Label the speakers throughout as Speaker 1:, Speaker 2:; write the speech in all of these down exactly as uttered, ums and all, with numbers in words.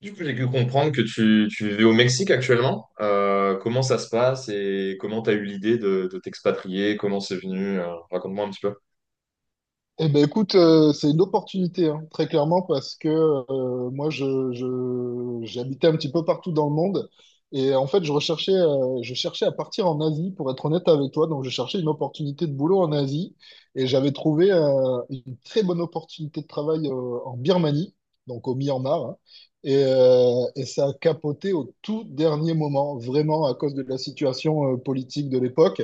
Speaker 1: Du coup, j'ai pu comprendre que tu, tu vivais au Mexique actuellement. Euh, comment ça se passe et comment tu as eu l'idée de, de t'expatrier? Comment c'est venu? Euh, raconte-moi un petit peu.
Speaker 2: Eh ben écoute, euh, c'est une opportunité, hein, très clairement, parce que euh, moi, je, je, j'habitais un petit peu partout dans le monde. Et en fait, je recherchais, euh, je cherchais à partir en Asie, pour être honnête avec toi. Donc, je cherchais une opportunité de boulot en Asie. Et j'avais trouvé euh, une très bonne opportunité de travail euh, en Birmanie, donc au Myanmar, hein. Et, euh, et ça a capoté au tout dernier moment, vraiment à cause de la situation euh, politique de l'époque.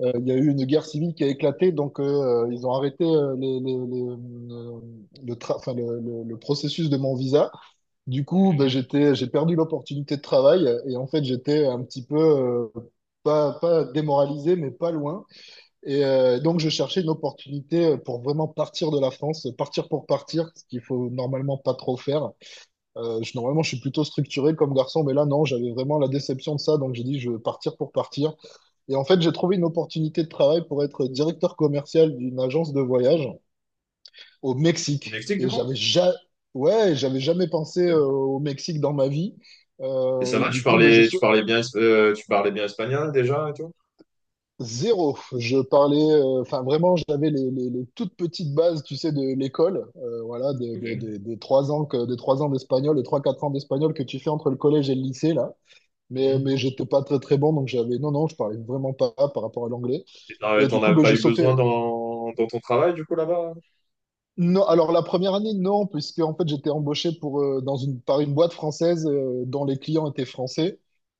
Speaker 2: Euh, il y a eu une guerre civile qui a éclaté, donc euh, euh, ils ont arrêté euh, les- les- les, euh, le, tra- enfin, le, le- le processus de mon visa. Du coup, ben, j'étais, j'ai perdu l'opportunité de travail et en fait, j'étais un petit peu, euh, pas, pas démoralisé, mais pas loin. Et euh, donc, je cherchais une opportunité pour vraiment partir de la France, partir pour partir, ce qu'il faut normalement pas trop faire. Euh, je, normalement, je suis plutôt structuré comme garçon, mais là, non, j'avais vraiment la déception de ça, donc j'ai dit, je veux partir pour partir. Et en fait, j'ai trouvé une opportunité de travail pour être directeur commercial d'une agence de voyage au
Speaker 1: Au
Speaker 2: Mexique.
Speaker 1: Mexique, du
Speaker 2: Et
Speaker 1: coup?
Speaker 2: j'avais ja- ouais, j'avais jamais pensé
Speaker 1: Ok.
Speaker 2: euh, au Mexique dans ma vie.
Speaker 1: Et
Speaker 2: Euh,
Speaker 1: ça
Speaker 2: et
Speaker 1: va, tu
Speaker 2: du coup, ben, je
Speaker 1: parlais, tu
Speaker 2: sau-
Speaker 1: parlais bien, es- euh, tu parlais bien espagnol déjà et tout?
Speaker 2: zéro. Je parlais, euh, enfin vraiment, j'avais les, les- les toutes petites bases, tu sais, de l'école. Euh, voilà, de- de- de-
Speaker 1: Ok.
Speaker 2: des trois ans que, des trois ans d'espagnol, les trois, quatre ans d'espagnol que tu fais entre le collège et le lycée, là. Mais, mais
Speaker 1: Mhm.
Speaker 2: j'étais pas très très bon, donc j'avais, non, non, je parlais vraiment pas par rapport à l'anglais.
Speaker 1: Et t'en
Speaker 2: Et du
Speaker 1: t'en
Speaker 2: coup,
Speaker 1: as
Speaker 2: ben,
Speaker 1: pas
Speaker 2: je
Speaker 1: eu
Speaker 2: sautais,
Speaker 1: besoin dans, dans ton travail, du coup, là-bas?
Speaker 2: Non, alors la première année, non, puisque en fait j'étais embauché pour, euh, dans une, par une boîte française euh, dont les clients étaient français.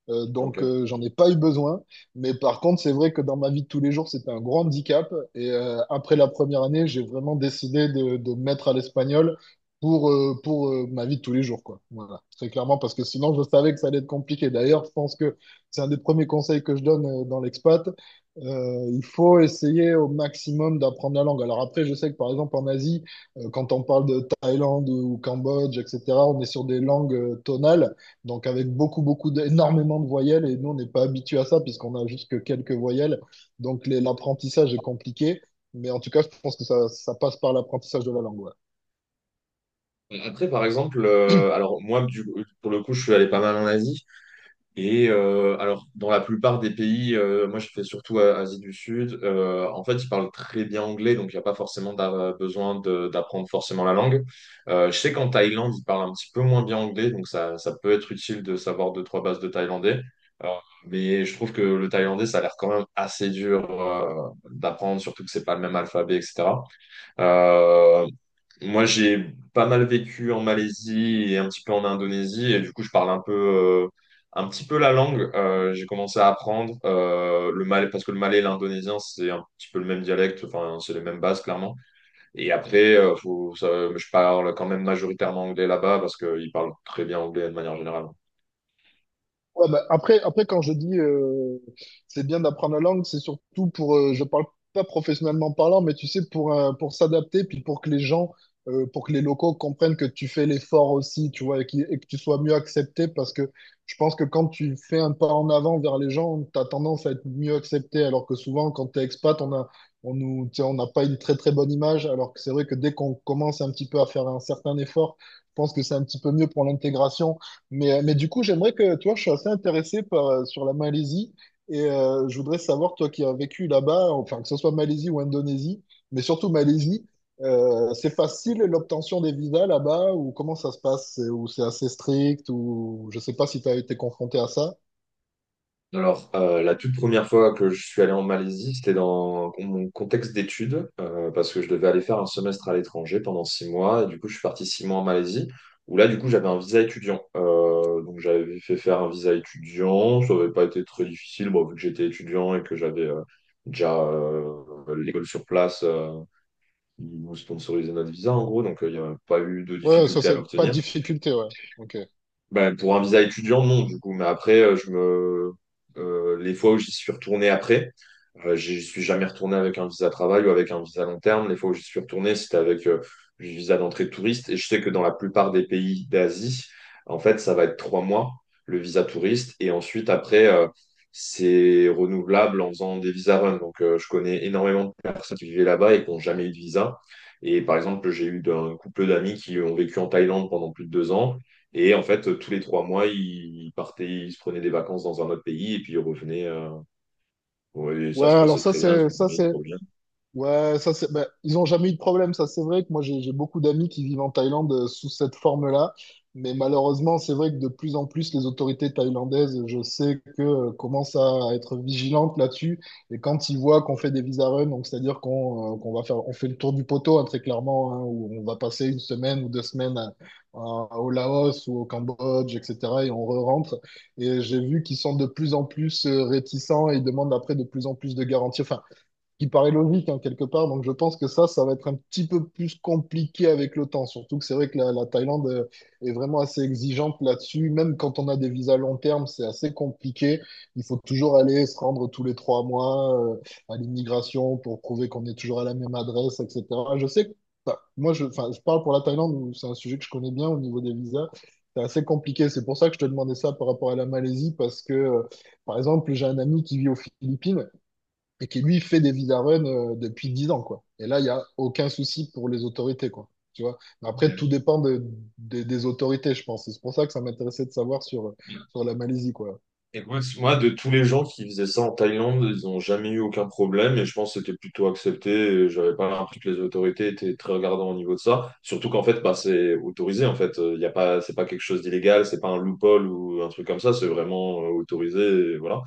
Speaker 2: Euh,
Speaker 1: Ok.
Speaker 2: donc euh, j'en ai pas eu besoin. Mais par contre, c'est vrai que dans ma vie de tous les jours, c'était un grand handicap. Et euh, après la première année, j'ai vraiment décidé de, de me mettre à l'espagnol pour, euh, pour euh, ma vie de tous les jours, quoi. Voilà, très clairement, parce que sinon je savais que ça allait être compliqué. D'ailleurs, je pense que c'est un des premiers conseils que je donne euh, dans l'expat. Euh, il faut essayer au maximum d'apprendre la langue. Alors après, je sais que par exemple en Asie, euh, quand on parle de Thaïlande ou Cambodge, et cetera, on est sur des langues euh, tonales, donc avec beaucoup, beaucoup, d- énormément de voyelles, et nous, on n'est pas habitué à ça, puisqu'on a juste que quelques voyelles, donc les- l'apprentissage est compliqué, mais en tout cas, je pense que ça, ça passe par l'apprentissage de la langue. Ouais.
Speaker 1: Après, par exemple, euh, alors moi, du, pour le coup, je suis allé pas mal en Asie. Et euh, alors, dans la plupart des pays, euh, moi je fais surtout à- Asie du Sud, euh, en fait, ils parlent très bien anglais, donc il n'y a pas forcément d'a- besoin de- d'apprendre forcément la langue. Euh, je sais qu'en Thaïlande, ils parlent un petit peu moins bien anglais, donc ça, ça peut être utile de savoir deux, trois bases de thaïlandais. Euh, mais je trouve que le thaïlandais, ça a l'air quand même assez dur euh, d'apprendre, surtout que c'est pas le même alphabet, et cetera. Euh, moi, j'ai pas mal vécu en Malaisie et un petit peu en Indonésie, et du coup, je parle un peu, euh, un petit peu la langue. Euh, j'ai commencé à apprendre euh, le malais, parce que le malais et l'indonésien, c'est un petit peu le même dialecte, enfin, c'est les mêmes bases, clairement. Et après, euh, faut, ça- je parle quand même majoritairement anglais là-bas, parce qu'ils parlent très bien anglais de manière générale.
Speaker 2: Ouais, bah, après, après, quand je dis euh, c'est bien d'apprendre la langue, c'est surtout pour, euh, je parle pas professionnellement parlant, mais tu sais, pour, euh, pour s'adapter, puis pour que les gens, euh, pour que les locaux comprennent que tu fais l'effort aussi, tu vois, et, qui- et que tu sois mieux accepté, parce que je pense que quand tu fais un pas en avant vers les gens, tu as tendance à être mieux accepté, alors que souvent, quand tu es expat, on a, on nous, tu sais, on n'a pas une très très bonne image, alors que c'est vrai que dès qu'on commence un petit peu à faire un certain effort, je pense que c'est un petit peu mieux pour l'intégration. Mais, euh, mais du coup, j'aimerais que, tu vois, je suis assez intéressé par, euh, sur la Malaisie et euh, je voudrais savoir, toi qui as vécu là-bas, enfin, que ce soit Malaisie ou Indonésie, mais surtout Malaisie, euh, c'est facile l'obtention des visas là-bas ou comment ça se passe? C'est- Ou c'est assez strict ou je sais pas si tu as été confronté à ça.
Speaker 1: Alors, euh, la toute première fois que je suis allé en Malaisie, c'était dans mon contexte d'études, euh, parce que je devais aller faire un semestre à l'étranger pendant six mois, et du coup, je suis parti six mois en Malaisie, où là, du coup, j'avais un visa étudiant. Euh, donc, j'avais fait faire un visa étudiant, ça n'avait pas été très difficile, bon, vu que j'étais étudiant et que j'avais euh, déjà euh, l'école sur place euh, qui nous sponsorisait notre visa, en gros, donc euh, il n'y avait pas eu de
Speaker 2: Ouais, ça,
Speaker 1: difficulté à
Speaker 2: c'est pas de
Speaker 1: l'obtenir.
Speaker 2: difficulté, ouais. Ok.
Speaker 1: Ben, pour un visa étudiant, non, du coup. Mais après, euh, je me... euh, les fois où j'y suis retourné après, euh, j'y suis jamais retourné avec un visa travail ou avec un visa long terme. Les fois où j'y suis retourné, c'était avec euh, le visa d'entrée de touriste. Et je sais que dans la plupart des pays d'Asie, en fait, ça va être trois mois, le visa touriste. Et ensuite, après, euh, c'est renouvelable en faisant des visas run. Donc, euh, je connais énormément de personnes qui vivaient là-bas et qui n'ont jamais eu de visa. Et par exemple, j'ai eu d'un couple d'amis qui ont vécu en Thaïlande pendant plus de deux ans. Et en fait, tous les trois mois, ils partaient, ils se prenaient des vacances dans un autre pays et puis ils revenaient. euh, ouais, et
Speaker 2: Ouais,
Speaker 1: ça se
Speaker 2: alors
Speaker 1: passait
Speaker 2: ça,
Speaker 1: très bien, ils se
Speaker 2: c'est ça,
Speaker 1: disaient,
Speaker 2: c'est
Speaker 1: trop bien.
Speaker 2: Ouais, ça c'est, bah, ils n'ont jamais eu de problème, ça c'est vrai que moi j'ai j'ai beaucoup d'amis qui vivent en Thaïlande euh, sous cette forme-là, mais malheureusement c'est vrai que de plus en plus les autorités thaïlandaises, je sais que euh, commencent à être vigilantes là-dessus, et quand ils voient qu'on fait des visa run, donc c'est-à-dire qu'on euh, qu'on va faire, on fait le tour du poteau hein, très clairement, hein, où on va passer une semaine ou deux semaines à- à- au Laos ou au Cambodge, et cetera, et on re-rentre, et j'ai vu qu'ils sont de plus en plus euh, réticents et ils demandent après de plus en plus de garanties. Enfin, qui paraît logique hein, quelque part. Donc je pense que ça, ça va être un petit peu plus compliqué avec le temps. Surtout que c'est vrai que la, la Thaïlande euh, est vraiment assez exigeante là-dessus. Même quand on a des visas long terme, c'est assez compliqué. Il faut toujours aller se rendre tous les trois mois euh, à l'immigration pour prouver qu'on est toujours à la même adresse, et cetera. Je sais que enfin, moi, je, enfin, Je parle pour la Thaïlande, où c'est un sujet que je connais bien au niveau des visas. C'est assez compliqué. C'est pour ça que je te demandais ça par rapport à la Malaisie, parce que, euh, par exemple, j'ai un ami qui vit aux Philippines et qui lui fait des vidaruns euh, depuis dix ans, quoi. Et là, il n'y a aucun souci pour les autorités, quoi. Tu vois? Mais après, tout dépend de- des des autorités, je pense. Et c'est pour ça que ça m'intéressait de savoir sur, sur la Malaisie, quoi.
Speaker 1: Écoute, moi, c- moi, de tous les gens qui faisaient ça en Thaïlande, ils n'ont jamais eu aucun problème et je pense que c'était plutôt accepté. et j'avais pas l'impression que les autorités étaient très regardantes au niveau de ça. Surtout qu'en fait, bah, c'est autorisé. En fait, euh, il y a pas, c'est pas quelque chose d'illégal, c'est pas un loophole ou un truc comme ça. C'est vraiment euh, autorisé. Et voilà.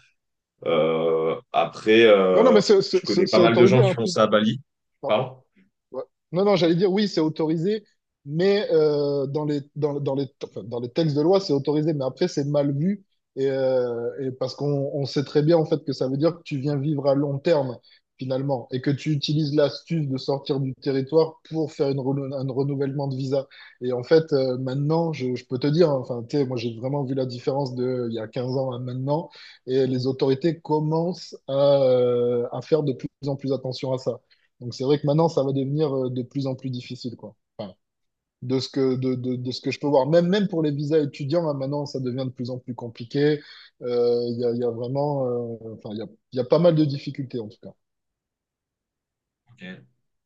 Speaker 1: Euh, après,
Speaker 2: Non, non,
Speaker 1: euh,
Speaker 2: mais c'est
Speaker 1: je
Speaker 2: c'est-
Speaker 1: connais
Speaker 2: c'est-
Speaker 1: pas
Speaker 2: c'est
Speaker 1: mal de
Speaker 2: autorisé,
Speaker 1: gens qui
Speaker 2: hein,
Speaker 1: font
Speaker 2: tout.
Speaker 1: ça à Bali. Pardon?
Speaker 2: Ouais. Non, non, j'allais dire oui, c'est autorisé, mais euh, dans les, dans, dans les, enfin, dans les textes de loi, c'est autorisé, mais après, c'est mal vu. Et, euh, et parce qu'on on sait très bien, en fait, que ça veut dire que tu viens vivre à long terme, finalement, et que tu utilises l'astuce de sortir du territoire pour faire une renou- un renouvellement de visa. Et en fait, euh, maintenant, je, je peux te dire, hein, enfin, tu sais, moi, j'ai vraiment vu la différence de il y a quinze ans à maintenant, et les autorités commencent à, euh, à faire de plus en plus attention à ça. Donc c'est vrai que maintenant, ça va devenir euh, de plus en plus difficile, quoi. Enfin, de ce que, de, de, de ce que je peux voir. Même, même pour les visas étudiants, hein, maintenant, ça devient de plus en plus compliqué. Euh, Il y a, il y a vraiment... euh, enfin, il y a, il y a pas mal de difficultés, en tout cas.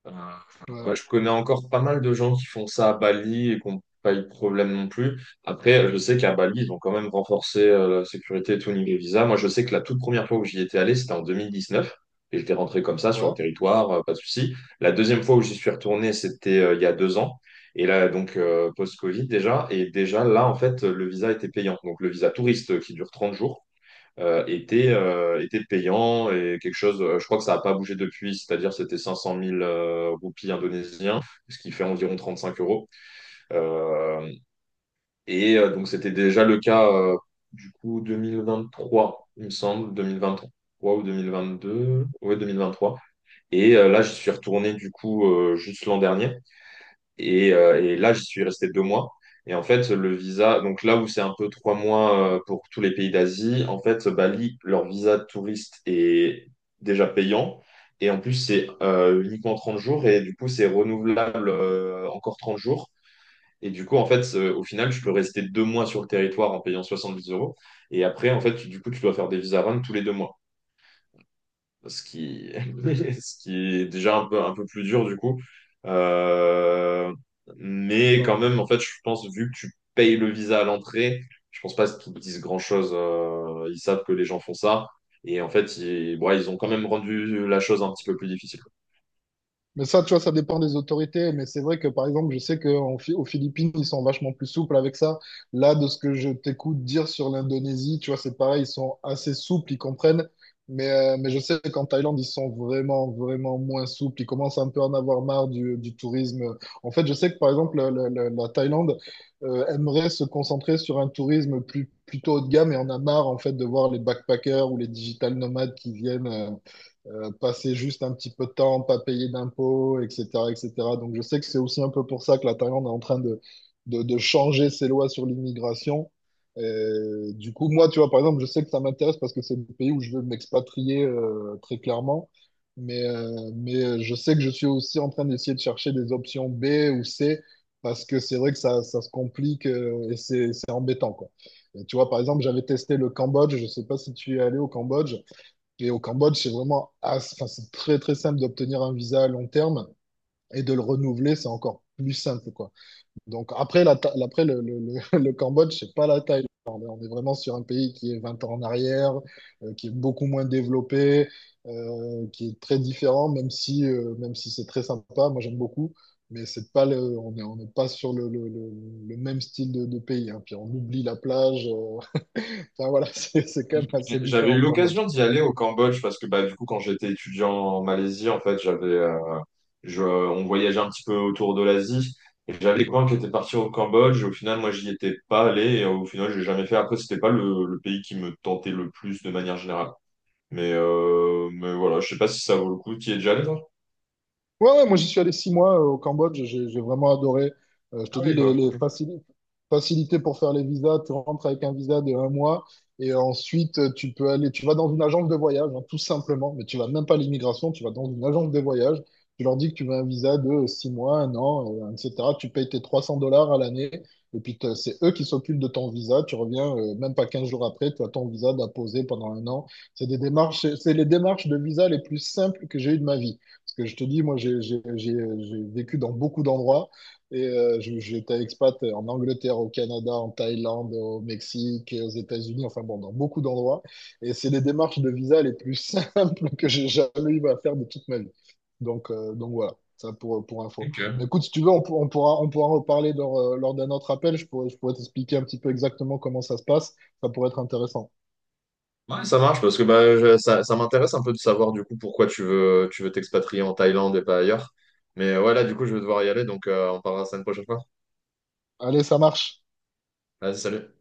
Speaker 1: Euh, enfin,
Speaker 2: Ouais,
Speaker 1: ouais, je connais encore pas mal de gens qui font ça à Bali et qui n'ont pas eu de problème non plus. Après, je sais qu'à Bali, ils ont quand même renforcé euh, la sécurité et tout au niveau visa. Moi, je sais que la toute première fois où j'y étais allé, c'était en deux mille dix-neuf. Et j'étais rentré comme ça sur le
Speaker 2: ouais,
Speaker 1: territoire, euh, pas de souci. La deuxième fois où j'y suis retourné, c'était euh, il y a deux ans. Et là, donc, euh, post-Covid déjà. Et déjà, là, en fait, le visa était payant. Donc, le visa touriste euh, qui dure trente jours euh, était, euh, était payant et quelque chose, euh, je crois que ça n'a pas bougé depuis, c'est-à-dire c'était cinq cent mille euh, roupies indonésiens, ce qui fait environ trente-cinq euros. Euh, et euh, donc c'était déjà le cas euh, du coup deux mille vingt-trois, il me semble, deux mille vingt-trois ou deux mille vingt-deux, ouais deux mille vingt-trois. Et euh, là, je suis retourné du coup euh, juste l'an dernier. Et, euh, et là, j'y suis resté deux mois. Et en fait, le visa, donc là où c'est un peu trois mois euh, pour tous les pays d'Asie, en fait, Bali, leur visa de touriste est déjà payant. Et en plus, c'est euh, uniquement trente jours. Et du coup, c'est renouvelable euh, encore trente jours. Et du coup, en fait, euh, au final, je peux rester deux mois sur le territoire en payant soixante-dix euros. Et après, en fait, tu- du coup, tu dois faire des visa run tous les deux mois ce qui, ce qui est déjà un peu, un peu plus dur du coup. Euh, mais quand
Speaker 2: ouais.
Speaker 1: même, en fait, je pense, vu que tu payes le visa à l'entrée, je pense pas qu'ils te disent grand-chose. euh, ils savent que les gens font ça. Et en fait, ils, bon, ils ont quand même rendu la chose un petit peu plus difficile.
Speaker 2: Mais ça, tu vois, ça dépend des autorités. Mais c'est vrai que, par exemple, je sais qu'aux Philippines, ils sont vachement plus souples avec ça. Là, de ce que je t'écoute dire sur l'Indonésie, tu vois, c'est pareil, ils sont assez souples, ils comprennent. Mais, euh, mais je sais qu'en Thaïlande, ils sont vraiment, vraiment moins souples. Ils commencent un peu à en avoir marre du, du tourisme. En fait, je sais que, par exemple, le- le- le- la Thaïlande, euh, aimerait se concentrer sur un tourisme plus, plutôt haut de gamme et en a marre, en fait, de voir les backpackers ou les digital nomades qui viennent. euh, euh, passer juste un petit peu de temps, pas payer d'impôts, et cetera, et cetera. Donc je sais que c'est aussi un peu pour ça que la Thaïlande est en train de, de, de changer ses lois sur l'immigration. Euh, du coup, moi, tu vois, par exemple, je sais que ça m'intéresse parce que c'est le pays où je veux m'expatrier euh, très clairement. Mais, euh, mais euh, je sais que je suis aussi en train d'essayer de chercher des options B ou C parce que c'est vrai que ça, ça se complique euh, et c'est c'est embêtant, quoi. Et tu vois, par exemple, j'avais testé le Cambodge. Je sais pas si tu es allé au Cambodge. Et au Cambodge, c'est vraiment as- enfin, c'est très très simple d'obtenir un visa à long terme et de le renouveler, c'est encore plus simple, quoi. Donc après, la, Tha- après le, le, le, le Cambodge, c'est pas la Thaïlande, hein. On est vraiment sur un pays qui est vingt ans en arrière, euh, qui est beaucoup moins développé, euh, qui est très différent, même si, euh, même si c'est très sympa, moi j'aime beaucoup. Mais c'est pas le, on n'est on n'est pas sur le, le, le, le même style de, de pays, hein. Puis on oublie la plage. euh. Enfin voilà, c'est c'est quand même assez
Speaker 1: J'avais
Speaker 2: différent
Speaker 1: eu
Speaker 2: au Cambodge.
Speaker 1: l'occasion d'y aller au Cambodge parce que bah, du coup, quand j'étais étudiant en Malaisie, en fait, j'avais, euh, je, on voyageait un petit peu autour de l'Asie et j'avais des copains qui étaient partis au Cambodge. Et au final, moi, j'y étais pas allé et au final, j'ai jamais fait. Après, c'était pas le, le pays qui me tentait le plus de manière générale. Mais, euh, mais voilà, je sais pas si ça vaut le coup. Tu y es déjà allé, toi?
Speaker 2: Ouais, ouais, moi j'y suis allé six mois euh, au Cambodge, j'ai j'ai vraiment adoré. Euh, je
Speaker 1: Ah
Speaker 2: te dis,
Speaker 1: oui,
Speaker 2: les,
Speaker 1: quoi.
Speaker 2: les
Speaker 1: Ok.
Speaker 2: facili- facilités pour faire les visas, tu rentres avec un visa de un mois et ensuite euh, tu peux aller, tu vas dans une agence de voyage, hein, tout simplement, mais tu vas même pas à l'immigration, tu vas dans une agence de voyage, tu leur dis que tu veux un visa de six mois, un an, euh, et cetera. Tu payes tes trois cents dollars à l'année et puis t'as- c'est eux qui s'occupent de ton visa, tu reviens euh, même pas quinze jours après, tu as ton visa d'apposer pendant un an. C'est des démarches, c'est les démarches de visa les plus simples que j'ai eues de ma vie. Parce que je te dis, moi, j'ai j'ai- j'ai- j'ai vécu dans beaucoup d'endroits. Et euh, je- j'étais expat en Angleterre, au Canada, en Thaïlande, au Mexique, aux États-Unis, enfin bon, dans beaucoup d'endroits. Et c'est les démarches de visa les plus simples que j'ai jamais eu à faire de toute ma vie. Donc, euh, donc voilà, ça pour, pour info.
Speaker 1: Ok.
Speaker 2: Mais écoute, si tu veux, on, pour- on pourra, on pourra en reparler lors, euh, lors d'un autre appel. Je pourrais, je pourrais t'expliquer un petit peu exactement comment ça se passe. Ça pourrait être intéressant.
Speaker 1: Ouais, ça marche parce que bah, je- ça, ça m'intéresse un peu de savoir du coup pourquoi tu veux, tu veux t'expatrier en Thaïlande et pas ailleurs. Mais euh, ouais, là, du coup, je vais devoir y aller, donc euh, on parlera ça une prochaine fois.
Speaker 2: Allez, ça marche.
Speaker 1: Vas-y, salut.